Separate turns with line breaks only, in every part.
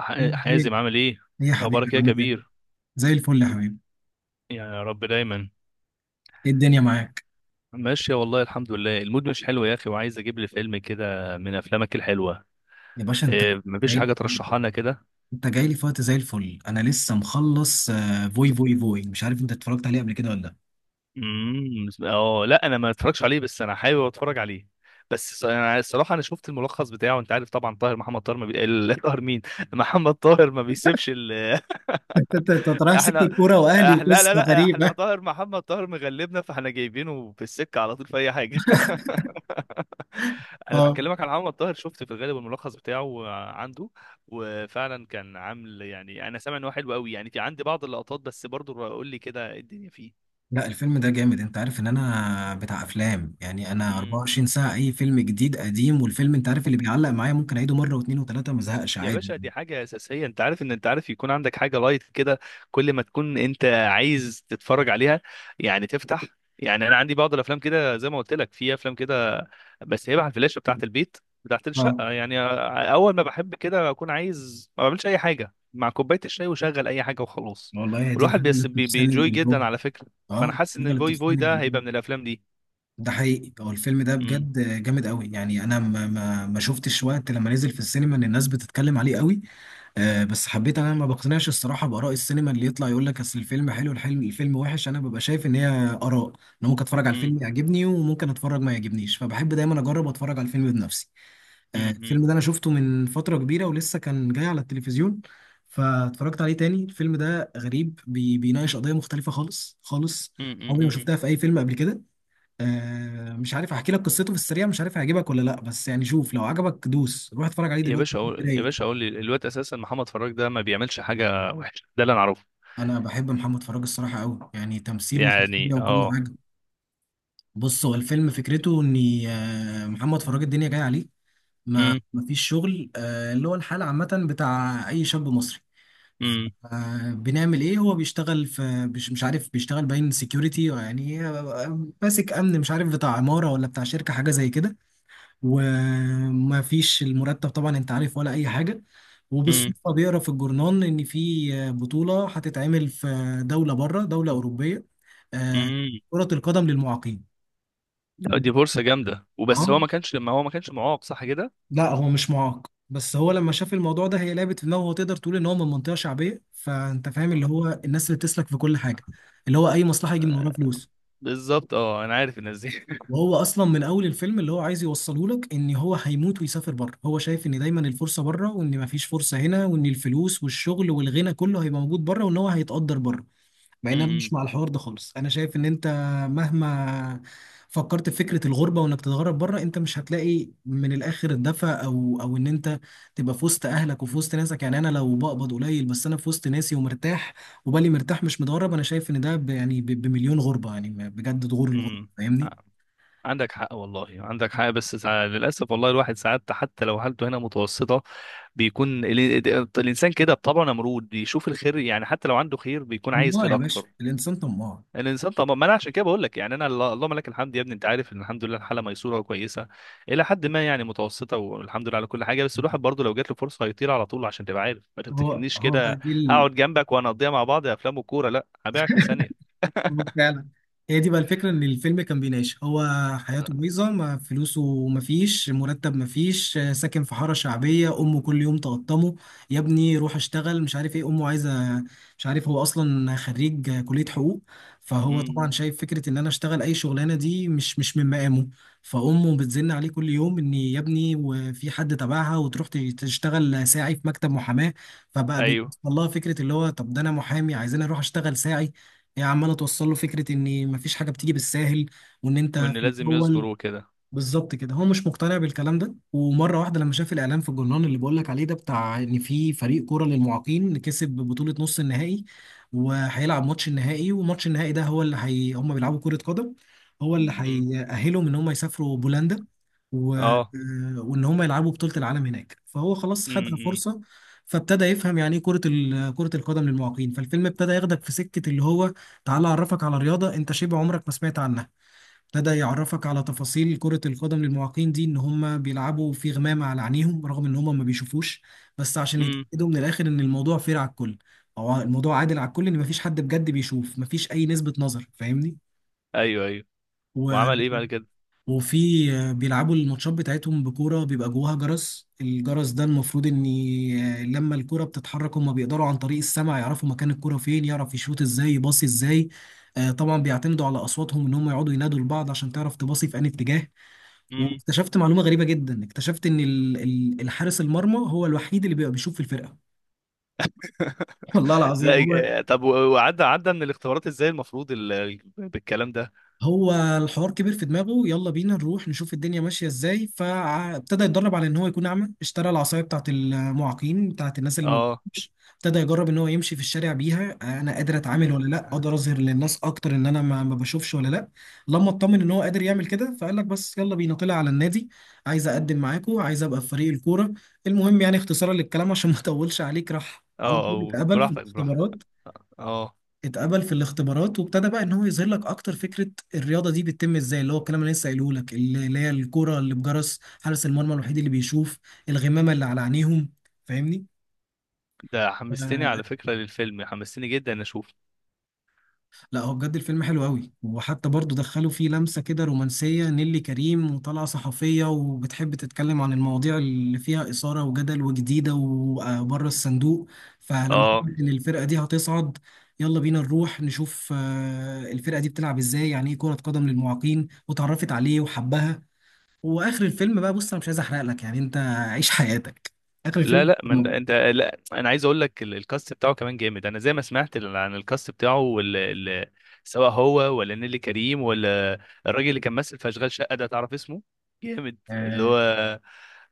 ايه،
حازم، عامل ايه؟
يا
اخبارك
حبيبي
إيه يا
عامل ايه؟
كبير؟
زي الفل يا حبيبي،
يعني يا رب دايما.
ايه الدنيا معاك؟
ماشية والله، الحمد لله. المود مش حلو يا اخي، وعايز اجيب لي فيلم كده من افلامك الحلوة.
يا باشا انت
إيه، مفيش
جاي
حاجة
لي،
ترشحها لنا كده؟
في وقت زي الفل، انا لسه مخلص آه، فوي فوي فوي، مش عارف انت اتفرجت عليه قبل كده ولا لا؟
امم، اه، لا، انا ما اتفرجش عليه، بس انا حابب اتفرج عليه. بس انا الصراحة انا شفت الملخص بتاعه. انت عارف طبعا طاهر محمد طاهر ما بي... ال- طاهر مين؟ محمد طاهر ما بيسيبش ال...
انت رايح سكه
احنا
كوره واهلي
احنا لا، لا،
وقصه
لا، احنا
غريبه.
طاهر محمد طاهر مغلبنا، فاحنا جايبينه في السكة على طول في اي حاجة انا
اه.
بكلمك على محمد طاهر، شفت في الغالب الملخص بتاعه عنده. وفعلا كان عامل، يعني انا سامع ان هو حلو قوي، يعني في عندي بعض اللقطات. بس برضو قول لي كده، إيه الدنيا فيه؟
لا الفيلم ده جامد، انت عارف ان انا بتاع افلام، يعني انا
امم.
24 ساعة اي فيلم جديد قديم، والفيلم انت عارف اللي بيعلق معايا ممكن اعيده مرة واثنين وثلاثة ما ازهقش
يا
عادي.
باشا، دي حاجة أساسية. أنت عارف إن أنت عارف يكون عندك حاجة لايت كده، كل ما تكون أنت عايز تتفرج عليها، يعني تفتح. يعني أنا عندي بعض الأفلام كده، زي ما قلت لك، في أفلام كده، بس هيبقى على الفلاشة بتاعة البيت، بتاعة
اه،
الشقة يعني. أول ما بحب كده أكون عايز، ما بعملش أي حاجة، مع كوباية الشاي وشغل أي حاجة وخلاص.
والله هي دي
والواحد
الحاجة اللي بتفصلني من
بينجوي
الجو،
جدا على فكرة. فأنا
اه
حاسس
الحاجة
إن
اللي
فوي فوي
بتفصلني من
ده هيبقى
الجو.
من الأفلام دي.
ده حقيقي، هو الفيلم ده
امم.
بجد جامد قوي، يعني انا ما شفتش وقت لما نزل في السينما ان الناس بتتكلم عليه قوي. آه بس حبيت، انا ما بقتنعش الصراحه باراء السينما اللي يطلع يقول لك اصل الفيلم حلو الحلم الفيلم وحش، انا ببقى شايف ان هي اراء، انا ممكن اتفرج على
امم.
الفيلم يعجبني وممكن اتفرج ما يعجبنيش، فبحب دايما اجرب اتفرج على الفيلم بنفسي. آه
امم. امم.
الفيلم ده انا شفته من فتره كبيره ولسه كان جاي على التلفزيون، فاتفرجت عليه تاني. الفيلم ده غريب، بيناقش قضيه مختلفه خالص خالص،
امم.
عمري ما
امم.
شفتها في اي فيلم قبل كده. آه مش عارف احكي لك قصته في السريع، مش عارف هيعجبك ولا لا، بس يعني شوف، لو عجبك دوس روح اتفرج عليه
يا
دلوقتي
باشا، أقول، يا
رايق.
باشا، أقول لي، الواد أساسا محمد فراج ده ما بيعملش حاجة وحشة، ده اللي أنا أعرفه.
انا بحب محمد فراج الصراحه قوي، يعني تمثيله
يعني
وشخصيه وكل
أه.
حاجه. بص هو الفيلم فكرته ان آه، محمد فراج الدنيا جايه عليه، ما
أمم.
ما فيش شغل آه، اللي هو الحال عامه بتاع اي شاب مصري. ف-
أمم.
آه، بنعمل ايه؟ هو بيشتغل في مش عارف، بيشتغل باين سيكيورتي يعني آه، آه، ماسك امن، مش عارف بتاع عماره ولا بتاع شركه حاجه زي كده، وما فيش المرتب طبعا انت عارف ولا اي حاجه.
أمم.
وبالصدفه بيقرا في الجورنال ان في بطوله هتتعمل في دوله بره، دوله اوروبيه آه،
أمم.
كره القدم للمعاقين.
لا، دي فرصة جامدة. وبس، هو ما
اه،
كانش لما هو ما كانش معاق صح كده؟
لا هو مش معاق، بس هو لما شاف الموضوع ده هي لعبت في دماغه، هو تقدر تقول ان هو من منطقه شعبيه، فانت فاهم اللي هو الناس اللي بتسلك في كل حاجه، اللي هو اي مصلحه يجي من وراها
آه.
فلوس.
بالظبط، أه، أنا عارف الناس دي
وهو اصلا من اول الفيلم اللي هو عايز يوصله لك ان هو هيموت ويسافر بره، هو شايف ان دايما الفرصه بره، وان مفيش فرصه هنا، وان الفلوس والشغل والغنى كله هيبقى موجود بره، وان هو هيتقدر بره. مع ان انا
أمم.
مش مع الحوار ده خالص، انا شايف ان انت مهما فكرت في فكره الغربه وانك تتغرب بره، انت مش هتلاقي من الاخر الدفى، او ان انت تبقى في وسط اهلك وفي وسط ناسك. يعني انا لو بقبض قليل بس انا في وسط ناسي ومرتاح وبالي مرتاح مش متغرب، انا شايف ان ده يعني بمليون غربه، يعني بجد ده غور الغربه
أمم.
فاهمني.
آه، عندك حق والله، عندك حق. بس للأسف والله، الواحد ساعات حتى لو حالته هنا متوسطة، بيكون الإنسان كده بطبعه نمرود، بيشوف الخير، يعني حتى لو عنده خير بيكون عايز
طماع
خير
يا
أكتر.
باشا، الانسان طماع.
الانسان طبعا، ما انا عشان كده بقول لك. يعني انا اللهم لك الحمد. يا ابني انت عارف ان الحمد لله، الحاله ميسوره وكويسه، الى حد ما يعني متوسطه. والحمد لله على كل حاجه. بس الواحد برضه لو جات له فرصه هيطير على طول، عشان تبقى عارف، ما
هو
تفتكرنيش
هو بقى
كده
دي
هقعد جنبك وهنقضيها مع بعض يا افلام وكوره، لا هبيعك في ثانيه.
هو فعلا، هي دي بقى الفكرة، ان الفيلم كان بيناقش هو حياته بايظة، ما فلوسه، ما فيش مرتب، ما فيش آه، ساكن في حارة شعبية، امه كل يوم تقطمه يا ابني روح اشتغل مش عارف ايه، امه عايزة مش عارف، هو اصلا خريج آه، كلية حقوق، فهو طبعا
امم.
شايف فكرة ان انا اشتغل اي شغلانة دي مش من مقامه. فامه بتزن عليه كل يوم ان يا ابني وفي حد تبعها وتروح تشتغل ساعي في مكتب محاماة، فبقى بيوصل
ايوه.
لها فكرة اللي هو طب ده انا محامي عايزين اروح اشتغل ساعي. هي عماله توصل له فكره ان مفيش حاجه بتيجي بالساهل وان انت
وان
في
لازم يصبر
الاول.
وكده.
بالظبط كده. هو مش مقتنع بالكلام ده، ومره واحده لما شاف الاعلان في الجرنان اللي بقول لك عليه ده، بتاع ان في فريق كوره للمعاقين كسب بطوله نص النهائي وهيلعب ماتش النهائي، وماتش النهائي ده هو اللي هي هم بيلعبوا كره قدم، هو اللي
مم. امم.
هيأهلهم ان هم يسافروا بولندا آه،
اه.
وان هم يلعبوا بطوله العالم هناك، فهو خلاص خد
امم.
فرصه. فابتدى يفهم يعني ايه كره القدم للمعاقين. فالفيلم ابتدى ياخدك في سكه اللي هو تعالى اعرفك على رياضه انت شبه عمرك ما سمعت عنها، ابتدى يعرفك على تفاصيل كرة القدم للمعاقين دي، ان هم بيلعبوا في غمامة على عينيهم رغم ان هم ما بيشوفوش، بس عشان
امم.
يتأكدوا من الاخر ان الموضوع فير على الكل او الموضوع عادل على الكل، ان ما فيش حد بجد بيشوف، ما فيش اي نسبة نظر فاهمني.
ايوه. ايوه.
و...
وعمل ايه بعد كده؟
وفي آه، بيلعبوا الماتشات بتاعتهم بكورة بيبقى جواها جرس، الجرس ده المفروض ان آه، لما الكرة بتتحرك هم بيقدروا عن طريق السمع يعرفوا مكان الكرة فين، يعرف يشوط ازاي يباصي ازاي. آه، طبعا بيعتمدوا على اصواتهم ان هم يقعدوا ينادوا لبعض عشان تعرف تباصي في انهي اتجاه.
امم.
واكتشفت معلومه غريبه جدا، اكتشفت ان الحارس المرمى هو الوحيد اللي بيبقى بيشوف في الفرقه. والله
لا،
العظيم. هو
آه، طب، وعدى من الاختبارات ازاي المفروض بالكلام ده.
هو الحوار كبير في دماغه يلا بينا نروح نشوف الدنيا ماشية ازاي، فابتدى يتدرب على ان هو يكون اعمى، اشترى العصاية بتاعت المعاقين بتاعت الناس اللي ما
اه.
بتشوفش، ابتدى يجرب ان هو يمشي في الشارع بيها، انا قادر اتعامل ولا لا، اقدر اظهر للناس اكتر ان انا ما بشوفش ولا لا. لما اطمن ان هو قادر يعمل كده فقال لك بس يلا بينا طلع على النادي، عايز اقدم معاكم، عايز ابقى في فريق الكورة. المهم يعني اختصارا للكلام عشان ما اطولش عليك راح
اه.
على طول،
آه،
اتقبل في
براحتك، براحتك.
الاختبارات،
اه.
اتقبل في الاختبارات وابتدى بقى ان هو يظهر لك اكتر فكره الرياضه دي بتتم ازاي، اللي هو الكلام اللي لسه قايله لك، اللي هي الكوره اللي بجرس، حارس المرمى الوحيد اللي بيشوف، الغمامه اللي على عينيهم فاهمني.
ده حمستني على فكرة للفيلم، حمستني جدا إن اشوف.
لا هو بجد الفيلم حلو قوي، وحتى برضو دخلوا فيه لمسة كده رومانسية، نيلي كريم وطالعة صحفية وبتحب تتكلم عن المواضيع اللي فيها إثارة وجدل وجديدة وبره الصندوق، فلما
اه.
تقول إن الفرقة دي هتصعد، يلا بينا نروح نشوف آه، الفرقة دي بتلعب إزاي، يعني إيه كرة قدم للمعاقين، وتعرفت عليه وحبها. وآخر الفيلم بقى، بص أنا مش عايز أحرق لك يعني أنت عيش حياتك. آخر
لا،
الفيلم.
لا، من انت، لا انا عايز اقول لك الكاست بتاعه كمان جامد. انا زي ما سمعت عن الكاست بتاعه سواء هو، ولا نيلي كريم، ولا الراجل اللي كان ماسك في اشغال شقة ده، تعرف اسمه؟ جامد اللي
آه.
هو.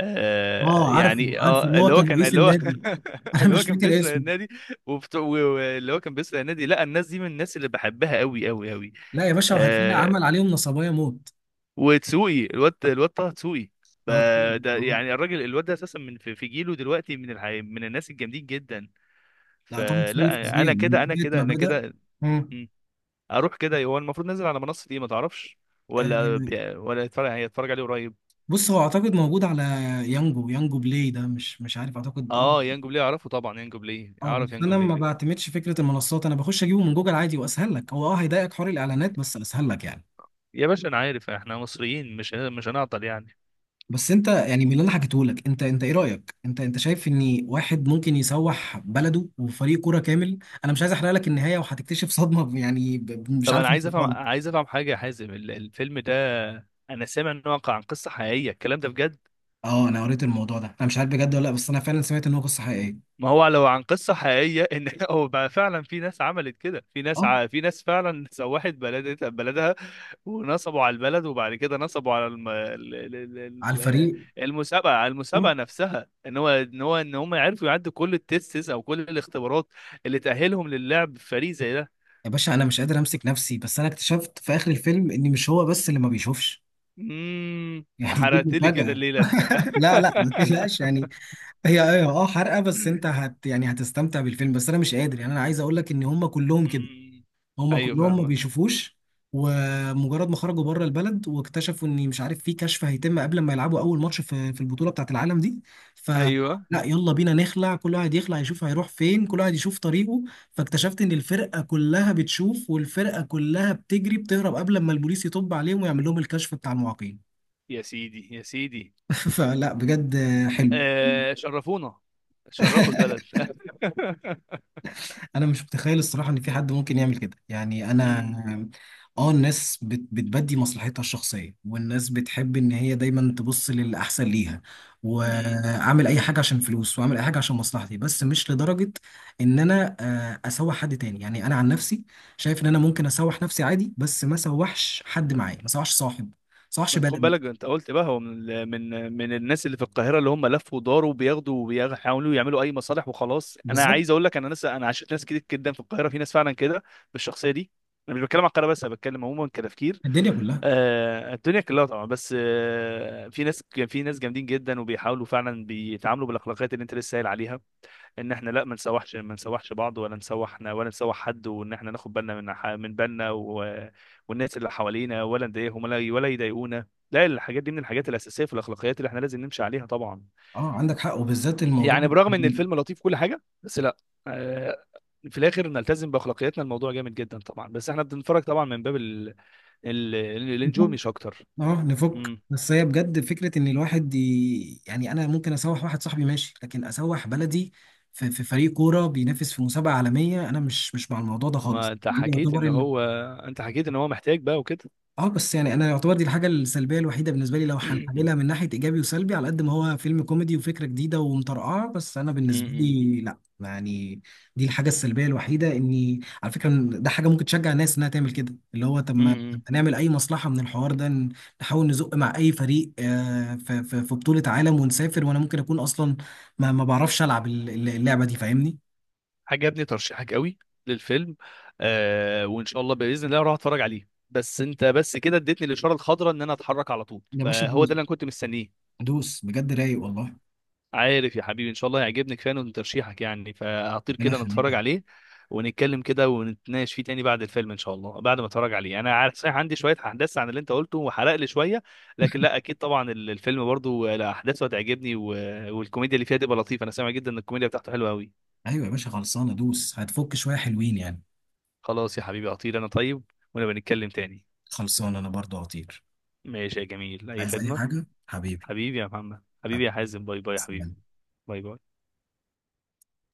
آه.
آه، عارف
يعني
عارف
اه،
اللي هو
اللي هو
كان
كان،
رئيس
اللي هو
النادي. أنا
اللي هو
مش
كان
فاكر
بيسرق
اسمه.
النادي. وبت- و- واللي هو كان بيسرق النادي، لا الناس دي من الناس اللي بحبها قوي قوي قوي.
لا يا باشا وهتلاقي عمل عليهم نصبايا موت.
وتسوقي، الواد طه تسوقي. ف-
طه
ده
دسوقي.
يعني الراجل، الواد ده اساسا، من في جيله دلوقتي، من الناس الجامدين جدا.
لا طه دسوقي
فلا
فظيع
انا
من
كده، انا كده،
ساعة ما
انا
بدأ.
كده.
مم.
مم. اروح كده. هو المفروض نازل على منصه ايه، ما تعرفش؟
آه،
ولا يتفرج، هيتفرج عليه قريب؟
بص هو اعتقد موجود على يانجو بلاي ده، مش عارف، اعتقد اه.
اه، يانجو بلاي، اعرفه طبعا، يانجو بلاي،
اه بس
اعرف يانجو
انا ما
بلاي.
بعتمدش فكره المنصات، انا بخش اجيبه من جوجل عادي واسهل لك، هو اه هيضايقك حوار الاعلانات بس اسهل لك يعني.
يا باشا انا عارف، احنا مصريين مش هنعطل يعني.
بس انت يعني من اللي انا حكيته لك، انت ايه رايك، انت شايف ان واحد ممكن يسوح بلده وفريق كوره كامل؟ انا مش عايز احرق لك النهايه وهتكتشف صدمه، يعني مش
طب انا
عارف انت.
عايز افهم، عايز افهم حاجه يا حازم، الفيلم ده انا سامع انه واقع عن قصه حقيقيه، الكلام ده بجد؟
اه انا قريت الموضوع ده، انا مش عارف بجد ولا لا، بس انا فعلا سمعت ان هو قصه حقيقيه.
ما هو لو عن قصة حقيقية، ان هو بقى فعلا في ناس عملت كده، في ناس
اه.
في ناس فعلا سوحت بلدها، ونصبوا على البلد، وبعد كده نصبوا على
على
ال-
الفريق.
المسابقة على
اه
المسابقة نفسها، ان هم عرفوا يعدوا كل التيستس او كل الاختبارات اللي تأهلهم للعب في فريق زي ده.
يا باشا انا مش قادر امسك نفسي، بس انا اكتشفت في اخر الفيلم ان مش هو بس اللي ما بيشوفش.
امم.
يعني دي
حرقت لي كده
المفاجاه.
الليلة انت
لا لا ما تقلقش يعني. هي اه حرقه، بس انت يعني هتستمتع بالفيلم، بس انا مش قادر يعني، انا عايز اقول لك ان هم كلهم كده،
أمم.
هم
ايوه
كلهم ما
فاهمك.
بيشوفوش. ومجرد ما خرجوا بره البلد واكتشفوا ان مش عارف في كشف هيتم قبل ما يلعبوا اول ماتش في البطوله بتاعت العالم دي، فلا
ايوه.
يلا بينا نخلع، كل واحد يخلع يشوف هيروح فين، كل واحد يشوف طريقه. فاكتشفت ان الفرقه كلها بتشوف، والفرقه كلها بتجري بتهرب قبل ما البوليس يطب عليهم ويعمل لهم الكشف بتاع المعاقين.
يا سيدي، يا سيدي.
فلا بجد. حلو.
آه، شرفونا، شرفوا البلد
انا مش متخيل الصراحه ان في حد ممكن يعمل كده، يعني
امم.
انا اه الناس بتبدي مصلحتها الشخصيه، والناس بتحب ان هي دايما تبص للاحسن ليها،
امم.
واعمل اي حاجه عشان فلوس، واعمل اي حاجه عشان مصلحتي، بس مش لدرجه ان انا آه، اسوح حد تاني. يعني انا عن نفسي شايف ان انا ممكن اسوح نفسي عادي، بس ما اسوحش حد معايا، ما اسوحش صاحب، ما اسوحش
ما تاخد
بلد.
بالك، انت قلت بقى هو من ال- من من الناس اللي في القاهره، اللي هم لفوا وداروا بياخدوا وبيحاولوا يعملوا اي مصالح وخلاص. انا
بالظبط.
عايز اقول لك، انا ناس، انا عشت ناس كتير جدا في القاهره، في ناس فعلا كده بالشخصيه دي. انا مش بتكلم على القاهره بس، انا بتكلم عموما كتفكير.
الدنيا كلها.
آه، الدنيا كلها طبعا. بس آه في ناس، في ناس جامدين جدا، وبيحاولوا فعلا بيتعاملوا بالاخلاقيات اللي انت لسه قايل عليها، ان احنا لا، ما نسوحش بعض، ولا نسوحنا، ولا نسوح حد. وان احنا ناخد بالنا من من بالنا، و... والناس اللي حوالينا، ولا نضايقهم، ولا يضايقونا. لا الحاجات دي من الحاجات الاساسيه في الاخلاقيات اللي احنا لازم نمشي عليها طبعا.
اه عندك حق وبالذات الموضوع.
يعني برغم ان الفيلم لطيف كل حاجه، بس لا، آه، في الاخر نلتزم باخلاقياتنا. الموضوع جامد جدا طبعا، بس احنا بنتفرج طبعا من باب الانجوي مش اكتر.
اه نفك،
امم.
بس هي بجد فكرة ان الواحد يعني انا ممكن اسوح واحد صاحبي ماشي، لكن اسوح بلدي في، فريق كورة بينافس في مسابقة عالمية، انا مش مع الموضوع ده
ما
خالص.
انت
دي
حكيت
يعتبر
ان هو، انت حكيت ان هو محتاج بقى وكده.
اه، بس يعني انا يعتبر دي الحاجه السلبيه الوحيده بالنسبه لي، لو هنحللها من ناحيه ايجابي وسلبي، على قد ما هو فيلم كوميدي وفكره جديده ومطرقعه، بس انا بالنسبه لي لا يعني، دي الحاجه السلبيه الوحيده، اني على فكره إن ده حاجه ممكن تشجع الناس انها تعمل كده، اللي هو طب ما،
امم.
نعمل اي مصلحه من الحوار ده، نحاول نزق مع اي فريق آه، في في بطوله عالم ونسافر، وانا ممكن اكون اصلا ما بعرفش العب اللعبه دي، فاهمني.
عجبني ترشيحك قوي للفيلم. آه، وان شاء الله باذن الله اروح اتفرج عليه. بس انت بس كده اديتني الاشاره الخضراء ان انا اتحرك على طول،
يا باشا
فهو ده
دوس،
اللي انا كنت مستنيه.
دوس بجد رايق والله.
عارف يا حبيبي، ان شاء الله هيعجبني، كفايه من ترشيحك يعني، فهطير
ربنا
كده نتفرج
يخليك.
عليه. ونتكلم كده ونتناقش فيه تاني بعد الفيلم ان شاء الله، بعد ما اتفرج عليه. انا عارف صحيح عندي شويه احداث عن اللي انت قلته وحرق لي شويه، لكن لا، اكيد طبعا الفيلم برضو، لا، احداثه هتعجبني والكوميديا اللي فيها تبقى لطيفه. انا سامع جدا ان الكوميديا بتاعته حلوه قوي.
ايوه يا باشا خلصانه، دوس هتفك شويه حلوين يعني.
خلاص يا حبيبي، اطير انا طيب. ونبقى نتكلم تاني.
خلصان انا برضو هطير.
ماشي يا جميل، أي
عايز اي
خدمة.
حاجة حبيبي.
حبيبي يا محمد، حبيبي يا
حبيبي.
حازم، باي باي يا حبيبي.
سلام.
باي باي.